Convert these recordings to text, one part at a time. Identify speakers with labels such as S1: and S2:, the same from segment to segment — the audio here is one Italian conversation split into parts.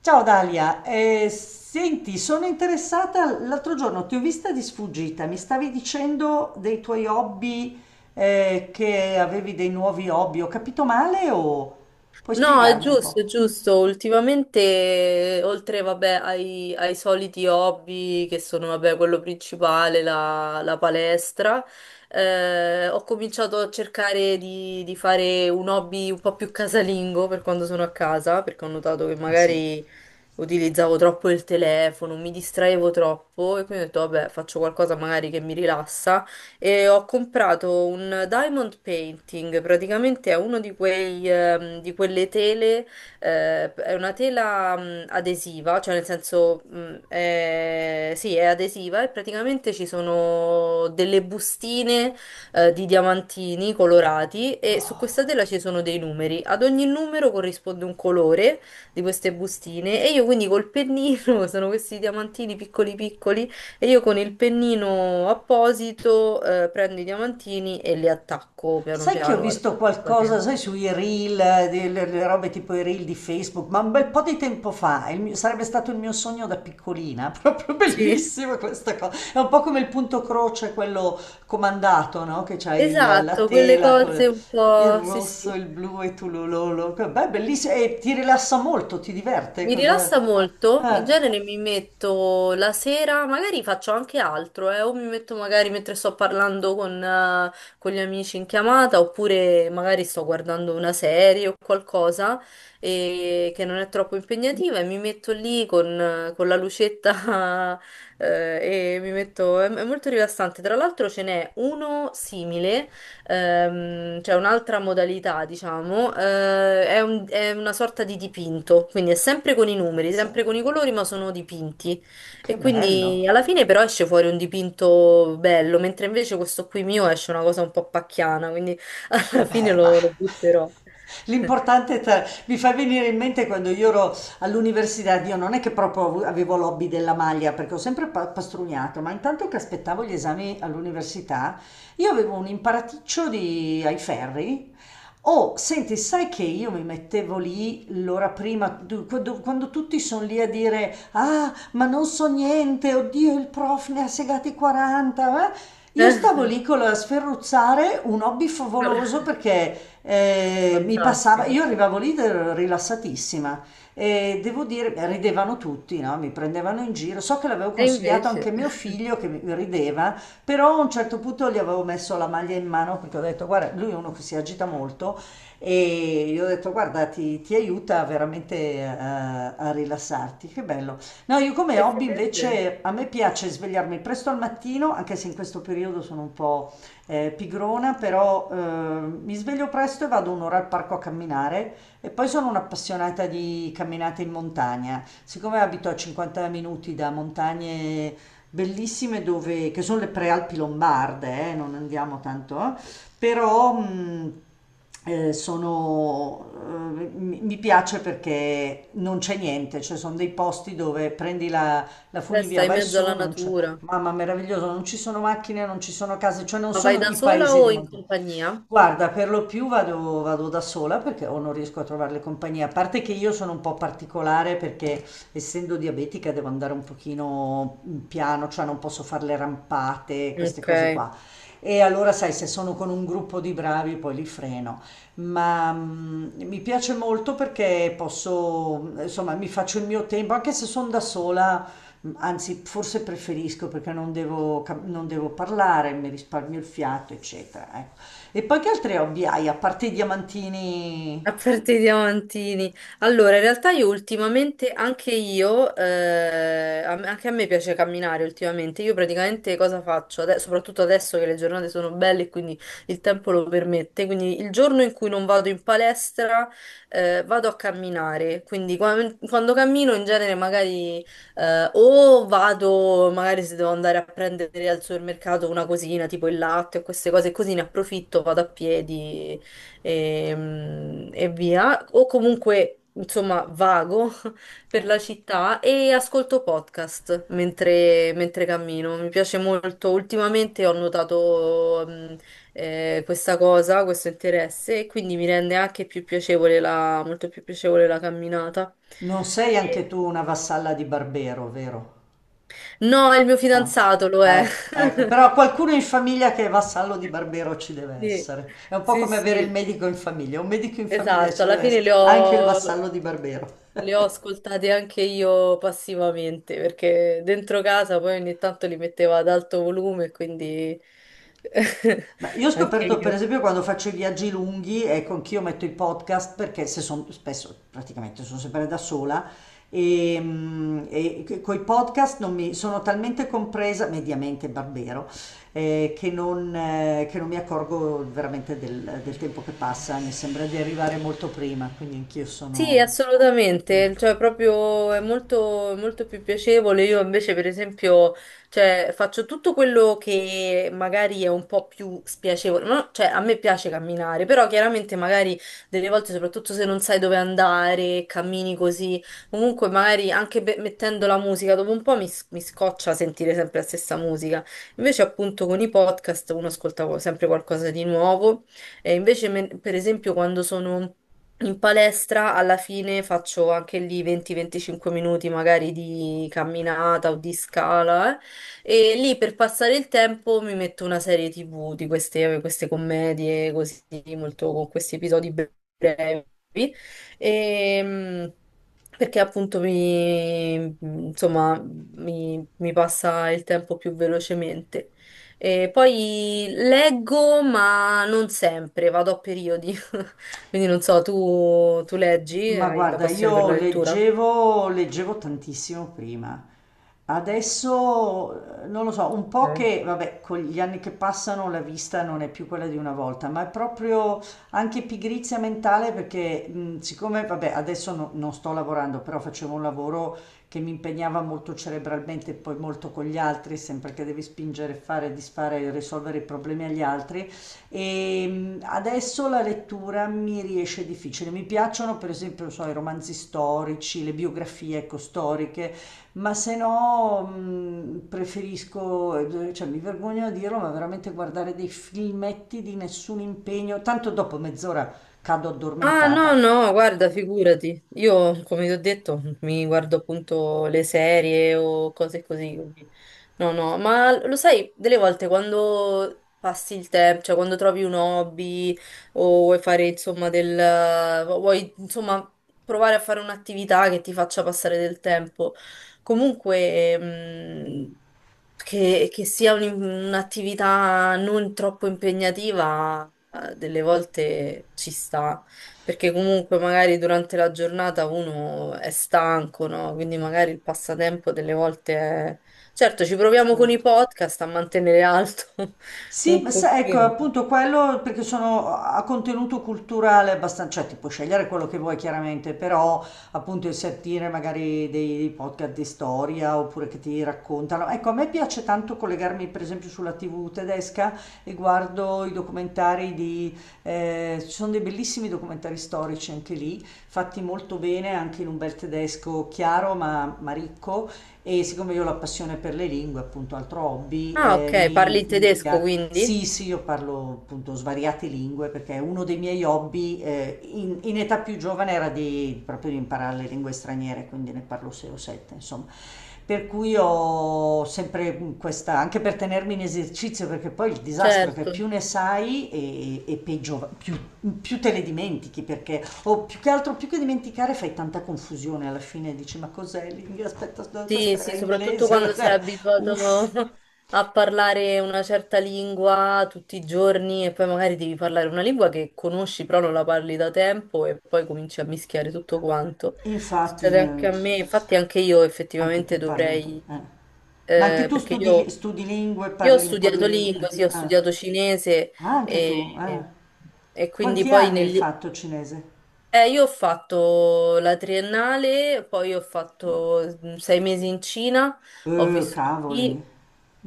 S1: Ciao Dalia, senti, sono interessata, l'altro giorno ti ho vista di sfuggita, mi stavi dicendo dei tuoi hobby, che avevi dei nuovi hobby, ho capito male o puoi
S2: No, è
S1: spiegarmi un
S2: giusto,
S1: po'?
S2: è giusto. Ultimamente, oltre, vabbè, ai soliti hobby, che sono, vabbè, quello principale, la palestra, ho cominciato a cercare di fare un hobby un po' più casalingo per quando sono a casa, perché ho notato che
S1: Ah sì.
S2: magari utilizzavo troppo il telefono, mi distraevo troppo e quindi ho detto, vabbè, faccio qualcosa magari che mi rilassa e ho comprato un diamond painting, praticamente è uno di quei, di quelle tele, è una tela, adesiva, cioè nel senso, sì, è adesiva e praticamente ci sono delle bustine di diamantini colorati e su questa tela ci sono dei numeri. Ad ogni numero corrisponde un colore di queste bustine e io quindi col pennino, sono questi diamantini piccoli piccoli, e io con il pennino apposito prendo i diamantini e li attacco piano
S1: Sai che ho
S2: piano al
S1: visto
S2: al
S1: qualcosa,
S2: catene.
S1: sai, sui reel, delle le robe tipo i reel di Facebook, ma un bel po' di tempo fa, sarebbe stato il mio sogno da piccolina, proprio
S2: Sì,
S1: bellissimo questa cosa. È un po' come il punto croce, quello comandato, no? Che c'hai la
S2: esatto, quelle
S1: tela con
S2: cose un
S1: il
S2: po', sì
S1: rosso,
S2: sì.
S1: il blu e tu lo. Beh, bellissimo, e ti rilassa molto, ti diverte,
S2: Mi
S1: cosa...
S2: rilassa molto, in
S1: Eh,
S2: genere mi metto la sera, magari faccio anche altro, o mi metto magari mentre sto parlando con gli amici in chiamata, oppure magari sto guardando una serie o qualcosa che non è troppo impegnativa e mi metto lì con la lucetta e mi metto... È, è molto rilassante. Tra l'altro ce n'è uno simile. C'è un'altra modalità, diciamo, è una sorta di dipinto, quindi è sempre con i numeri,
S1: sai,
S2: sempre con i colori, ma sono dipinti.
S1: che
S2: E quindi
S1: bello.
S2: alla fine però esce fuori un dipinto bello, mentre invece questo qui mio esce una cosa un po' pacchiana, quindi alla fine
S1: Vabbè, ma
S2: lo butterò.
S1: l'importante è mi fa venire in mente quando io ero all'università. Io non è che proprio avevo l'hobby della maglia, perché ho sempre pastrugnato, ma intanto che aspettavo gli esami all'università, io avevo un imparaticcio di... ai ferri. Oh, senti, sai che io mi mettevo lì l'ora prima, quando, quando tutti sono lì a dire, ah, ma non so niente, oddio, il prof ne ha segati 40, eh? Io stavo lì con la sferruzzare, un hobby favoloso perché mi passava,
S2: Fantastico.
S1: io arrivavo lì rilassatissima e devo dire, beh, ridevano tutti, no? Mi prendevano in giro. So che l'avevo
S2: E
S1: consigliato anche a
S2: invece,
S1: mio figlio che rideva, però a un certo punto gli avevo messo la maglia in mano perché ho detto, guarda, lui è uno che si agita molto e gli ho detto, guarda, ti aiuta veramente a, a rilassarti. Che bello. No, io come hobby
S2: effettivamente,
S1: invece, a me piace svegliarmi presto al mattino, anche se in questo periodo sono un po' pigrona, però mi sveglio presto e vado un'ora al parco a camminare, e poi sono un'appassionata di camminate in montagna. Siccome abito a 50 minuti da montagne bellissime dove, che sono le prealpi lombarde, non andiamo tanto, però eh, sono, mi piace perché non c'è niente, cioè sono dei posti dove prendi la, la funivia,
S2: stai in
S1: vai
S2: mezzo
S1: su,
S2: alla
S1: non c'è,
S2: natura.
S1: mamma meraviglioso, non ci sono macchine, non ci sono case, cioè non
S2: Ma vai
S1: sono
S2: da
S1: i
S2: sola
S1: paesi di
S2: o in
S1: montagna.
S2: compagnia?
S1: Guarda, per lo più vado, vado da sola perché o non riesco a trovare le compagnie, a parte che io sono un po' particolare perché, essendo diabetica, devo andare un pochino piano, cioè non posso fare le rampate, queste
S2: Ok.
S1: cose qua. E allora sai, se sono con un gruppo di bravi poi li freno, ma mi piace molto perché posso, insomma, mi faccio il mio tempo, anche se sono da sola. Anzi, forse preferisco perché non devo, non devo parlare, mi risparmio il fiato, eccetera. Ecco. E poi che altri hobby hai? A parte i diamantini,
S2: A parte i diamantini. Allora, in realtà io ultimamente, anche io, anche a me piace camminare ultimamente. Io praticamente cosa faccio? Soprattutto adesso che le giornate sono belle e quindi il tempo lo permette. Quindi il giorno in cui non vado in palestra, vado a camminare. Quando cammino in genere magari o vado, magari se devo andare a prendere al supermercato una cosina, tipo il latte o queste cose così, ne approfitto, vado a piedi e via, o comunque insomma vago per la città e ascolto podcast mentre, mentre cammino. Mi piace molto. Ultimamente ho notato questa cosa, questo interesse, e quindi mi rende anche più piacevole la, molto più piacevole la camminata.
S1: non sei anche
S2: Sì.
S1: tu una vassalla di Barbero, vero?
S2: No, il mio
S1: No.
S2: fidanzato lo è.
S1: Ecco, ecco, però qualcuno in famiglia che è vassallo di Barbero ci deve
S2: Sì,
S1: essere. È un po'
S2: sì,
S1: come avere il
S2: sì,
S1: medico in famiglia. Un medico in famiglia
S2: esatto.
S1: ci
S2: Alla
S1: deve
S2: fine
S1: essere,
S2: le
S1: anche il
S2: ho.
S1: vassallo di Barbero.
S2: Le ho ascoltate anche io passivamente perché dentro casa poi ogni tanto li metteva ad alto volume, quindi
S1: Ma io ho
S2: anche
S1: scoperto, per
S2: io.
S1: esempio, quando faccio i viaggi lunghi, ecco, anch'io metto i podcast, perché se sono spesso, praticamente sono sempre da sola e, e coi podcast non mi, sono talmente compresa, mediamente Barbero, che non mi accorgo veramente del, del tempo che passa, mi sembra di arrivare molto prima, quindi anch'io
S2: Sì,
S1: sono.
S2: assolutamente, cioè proprio è molto, molto più piacevole. Io invece, per esempio, cioè, faccio tutto quello che magari è un po' più spiacevole. No, cioè, a me piace camminare, però chiaramente magari delle volte, soprattutto se non sai dove andare, cammini così. Comunque, magari anche mettendo la musica, dopo un po' mi scoccia sentire sempre la stessa musica. Invece, appunto, con i podcast uno ascolta sempre qualcosa di nuovo. E invece, per esempio, quando sono in palestra alla fine faccio anche lì 20-25 minuti magari di camminata o di scala. E lì per passare il tempo mi metto una serie TV di queste, queste commedie così molto con questi episodi brevi, Ehm, perché appunto mi insomma mi, mi passa il tempo più velocemente. E poi leggo ma non sempre, vado a periodi. Quindi non so, tu leggi,
S1: Ma
S2: hai la
S1: guarda,
S2: passione per
S1: io
S2: la lettura?
S1: leggevo, leggevo tantissimo prima. Adesso non lo so, un
S2: Ok.
S1: po' che, vabbè, con gli anni che passano la vista non è più quella di una volta, ma è proprio anche pigrizia mentale perché siccome, vabbè, adesso non sto lavorando, però facevo un lavoro che mi impegnava molto cerebralmente e poi molto con gli altri, sempre che devi spingere, fare, disfare, risolvere i problemi agli altri. E adesso la lettura mi riesce difficile. Mi piacciono, per esempio, non so, i romanzi storici, le biografie, ecco, storiche, ma se no preferisco, cioè mi vergogno a dirlo, ma veramente guardare dei filmetti di nessun impegno, tanto dopo mezz'ora cado
S2: Ah, no,
S1: addormentata.
S2: no, guarda, figurati. Io, come ti ho detto, mi guardo appunto le serie o cose così, quindi no, no, ma lo sai, delle volte quando passi il tempo, cioè quando trovi un hobby o vuoi fare, insomma, del... vuoi, insomma, provare a fare un'attività che ti faccia passare del tempo, comunque, che sia un'attività non troppo impegnativa, delle volte ci sta perché comunque magari durante la giornata uno è stanco, no? Quindi magari il passatempo delle volte è... Certo, ci proviamo con i
S1: Certo.
S2: podcast a mantenere alto
S1: Sì,
S2: un
S1: ma ecco,
S2: pochino.
S1: appunto quello perché sono a contenuto culturale abbastanza, cioè ti puoi scegliere quello che vuoi chiaramente, però appunto il sentire magari dei, dei podcast di storia oppure che ti raccontano. Ecco, a me piace tanto collegarmi per esempio sulla TV tedesca e guardo i documentari di, ci sono dei bellissimi documentari storici anche lì, fatti molto bene, anche in un bel tedesco chiaro ma ricco, e siccome io ho la passione per le lingue, appunto altro hobby,
S2: Ah, ok, parli
S1: mi
S2: il
S1: mi
S2: tedesco
S1: piace.
S2: quindi?
S1: Sì, sì, io parlo appunto svariate lingue perché uno dei miei hobby, in età più giovane era di, proprio di imparare le lingue straniere, quindi ne parlo 6 o 7, insomma. Per cui ho sempre questa, anche per tenermi in esercizio, perché poi il disastro è che
S2: Certo.
S1: più ne sai e peggio, più, più te le dimentichi, perché, o più che altro, più che dimenticare fai tanta confusione alla fine, dici ma cos'è l'inglese? Aspetta,
S2: Sì,
S1: questo
S2: sì,
S1: era
S2: soprattutto
S1: inglese,
S2: quando sei abituato
S1: uff.
S2: a parlare una certa lingua tutti i giorni e poi magari devi parlare una lingua che conosci però non la parli da tempo e poi cominci a mischiare tutto quanto.
S1: Infatti,
S2: Succede anche
S1: eh.
S2: a me, infatti anche io
S1: Anche
S2: effettivamente
S1: tu parli un po',
S2: dovrei,
S1: eh. Ma anche
S2: eh,
S1: tu
S2: perché
S1: studi,
S2: io,
S1: studi lingue,
S2: io ho
S1: parli un po' di
S2: studiato
S1: lingue. Eh.
S2: lingua, sì, ho
S1: Ah.
S2: studiato cinese
S1: Ah, anche tu,
S2: e,
S1: eh.
S2: e- e quindi
S1: Quanti
S2: poi
S1: anni hai
S2: negli,
S1: fatto cinese?
S2: io ho fatto la triennale, poi ho fatto mm, 6 mesi in Cina, ho vissuto
S1: Cavoli,
S2: lì,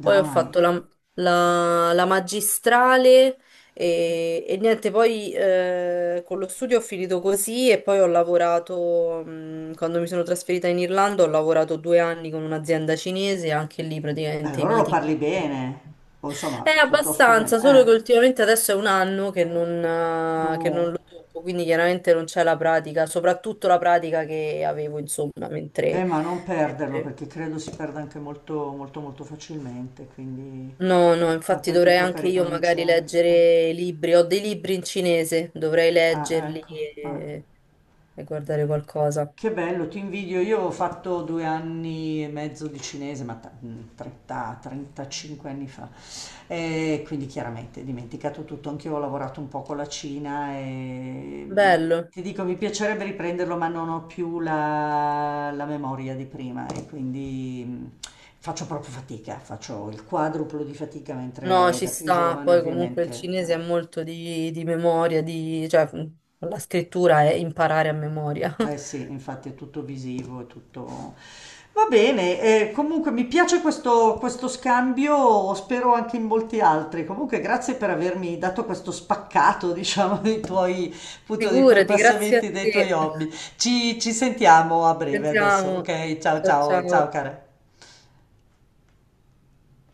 S2: poi ho fatto la magistrale e niente, poi con lo studio ho finito così e poi ho lavorato, mm, quando mi sono trasferita in Irlanda, ho lavorato 2 anni con un'azienda cinese, anche lì
S1: E
S2: praticamente i
S1: allora lo
S2: meeting.
S1: parli bene, o insomma,
S2: È
S1: piuttosto bene.
S2: abbastanza, solo che
S1: Eh,
S2: ultimamente adesso è 1 anno che non
S1: no,
S2: lo tocco, quindi chiaramente non c'è la pratica, soprattutto la pratica che avevo, insomma,
S1: ma non perderlo
S2: mentre-
S1: perché credo si perda anche molto, molto, molto facilmente, quindi...
S2: No, no,
S1: Ah,
S2: infatti
S1: poi ti
S2: dovrei
S1: tocca
S2: anche io magari
S1: ricominciare. Eh.
S2: leggere libri, ho dei libri in cinese, dovrei
S1: Ah,
S2: leggerli
S1: ecco. Ah.
S2: e guardare qualcosa.
S1: Che bello, ti invidio. Io ho fatto 2 anni e mezzo di cinese, ma 30, 35 anni fa. E quindi chiaramente dimenticato tutto. Anch'io ho lavorato un po' con la Cina e
S2: Bello.
S1: ti dico, mi piacerebbe riprenderlo, ma non ho più la, la memoria di prima e quindi faccio proprio fatica, faccio il quadruplo di fatica,
S2: No,
S1: mentre
S2: ci
S1: da più
S2: sta,
S1: giovane
S2: poi comunque il
S1: ovviamente,
S2: cinese è
S1: eh.
S2: molto di memoria, di, cioè la scrittura è imparare a memoria.
S1: Eh sì, infatti è tutto visivo, è tutto... Va bene, comunque mi piace questo, questo scambio, spero anche in molti altri. Comunque grazie per avermi dato questo spaccato, diciamo, dei tuoi, appunto, dei tuoi
S2: Figurati, grazie a
S1: passamenti, dei tuoi
S2: te.
S1: hobby. Ci sentiamo a breve adesso,
S2: Sentiamo.
S1: ok? Ciao
S2: Ciao
S1: ciao, ciao
S2: ciao.
S1: cara.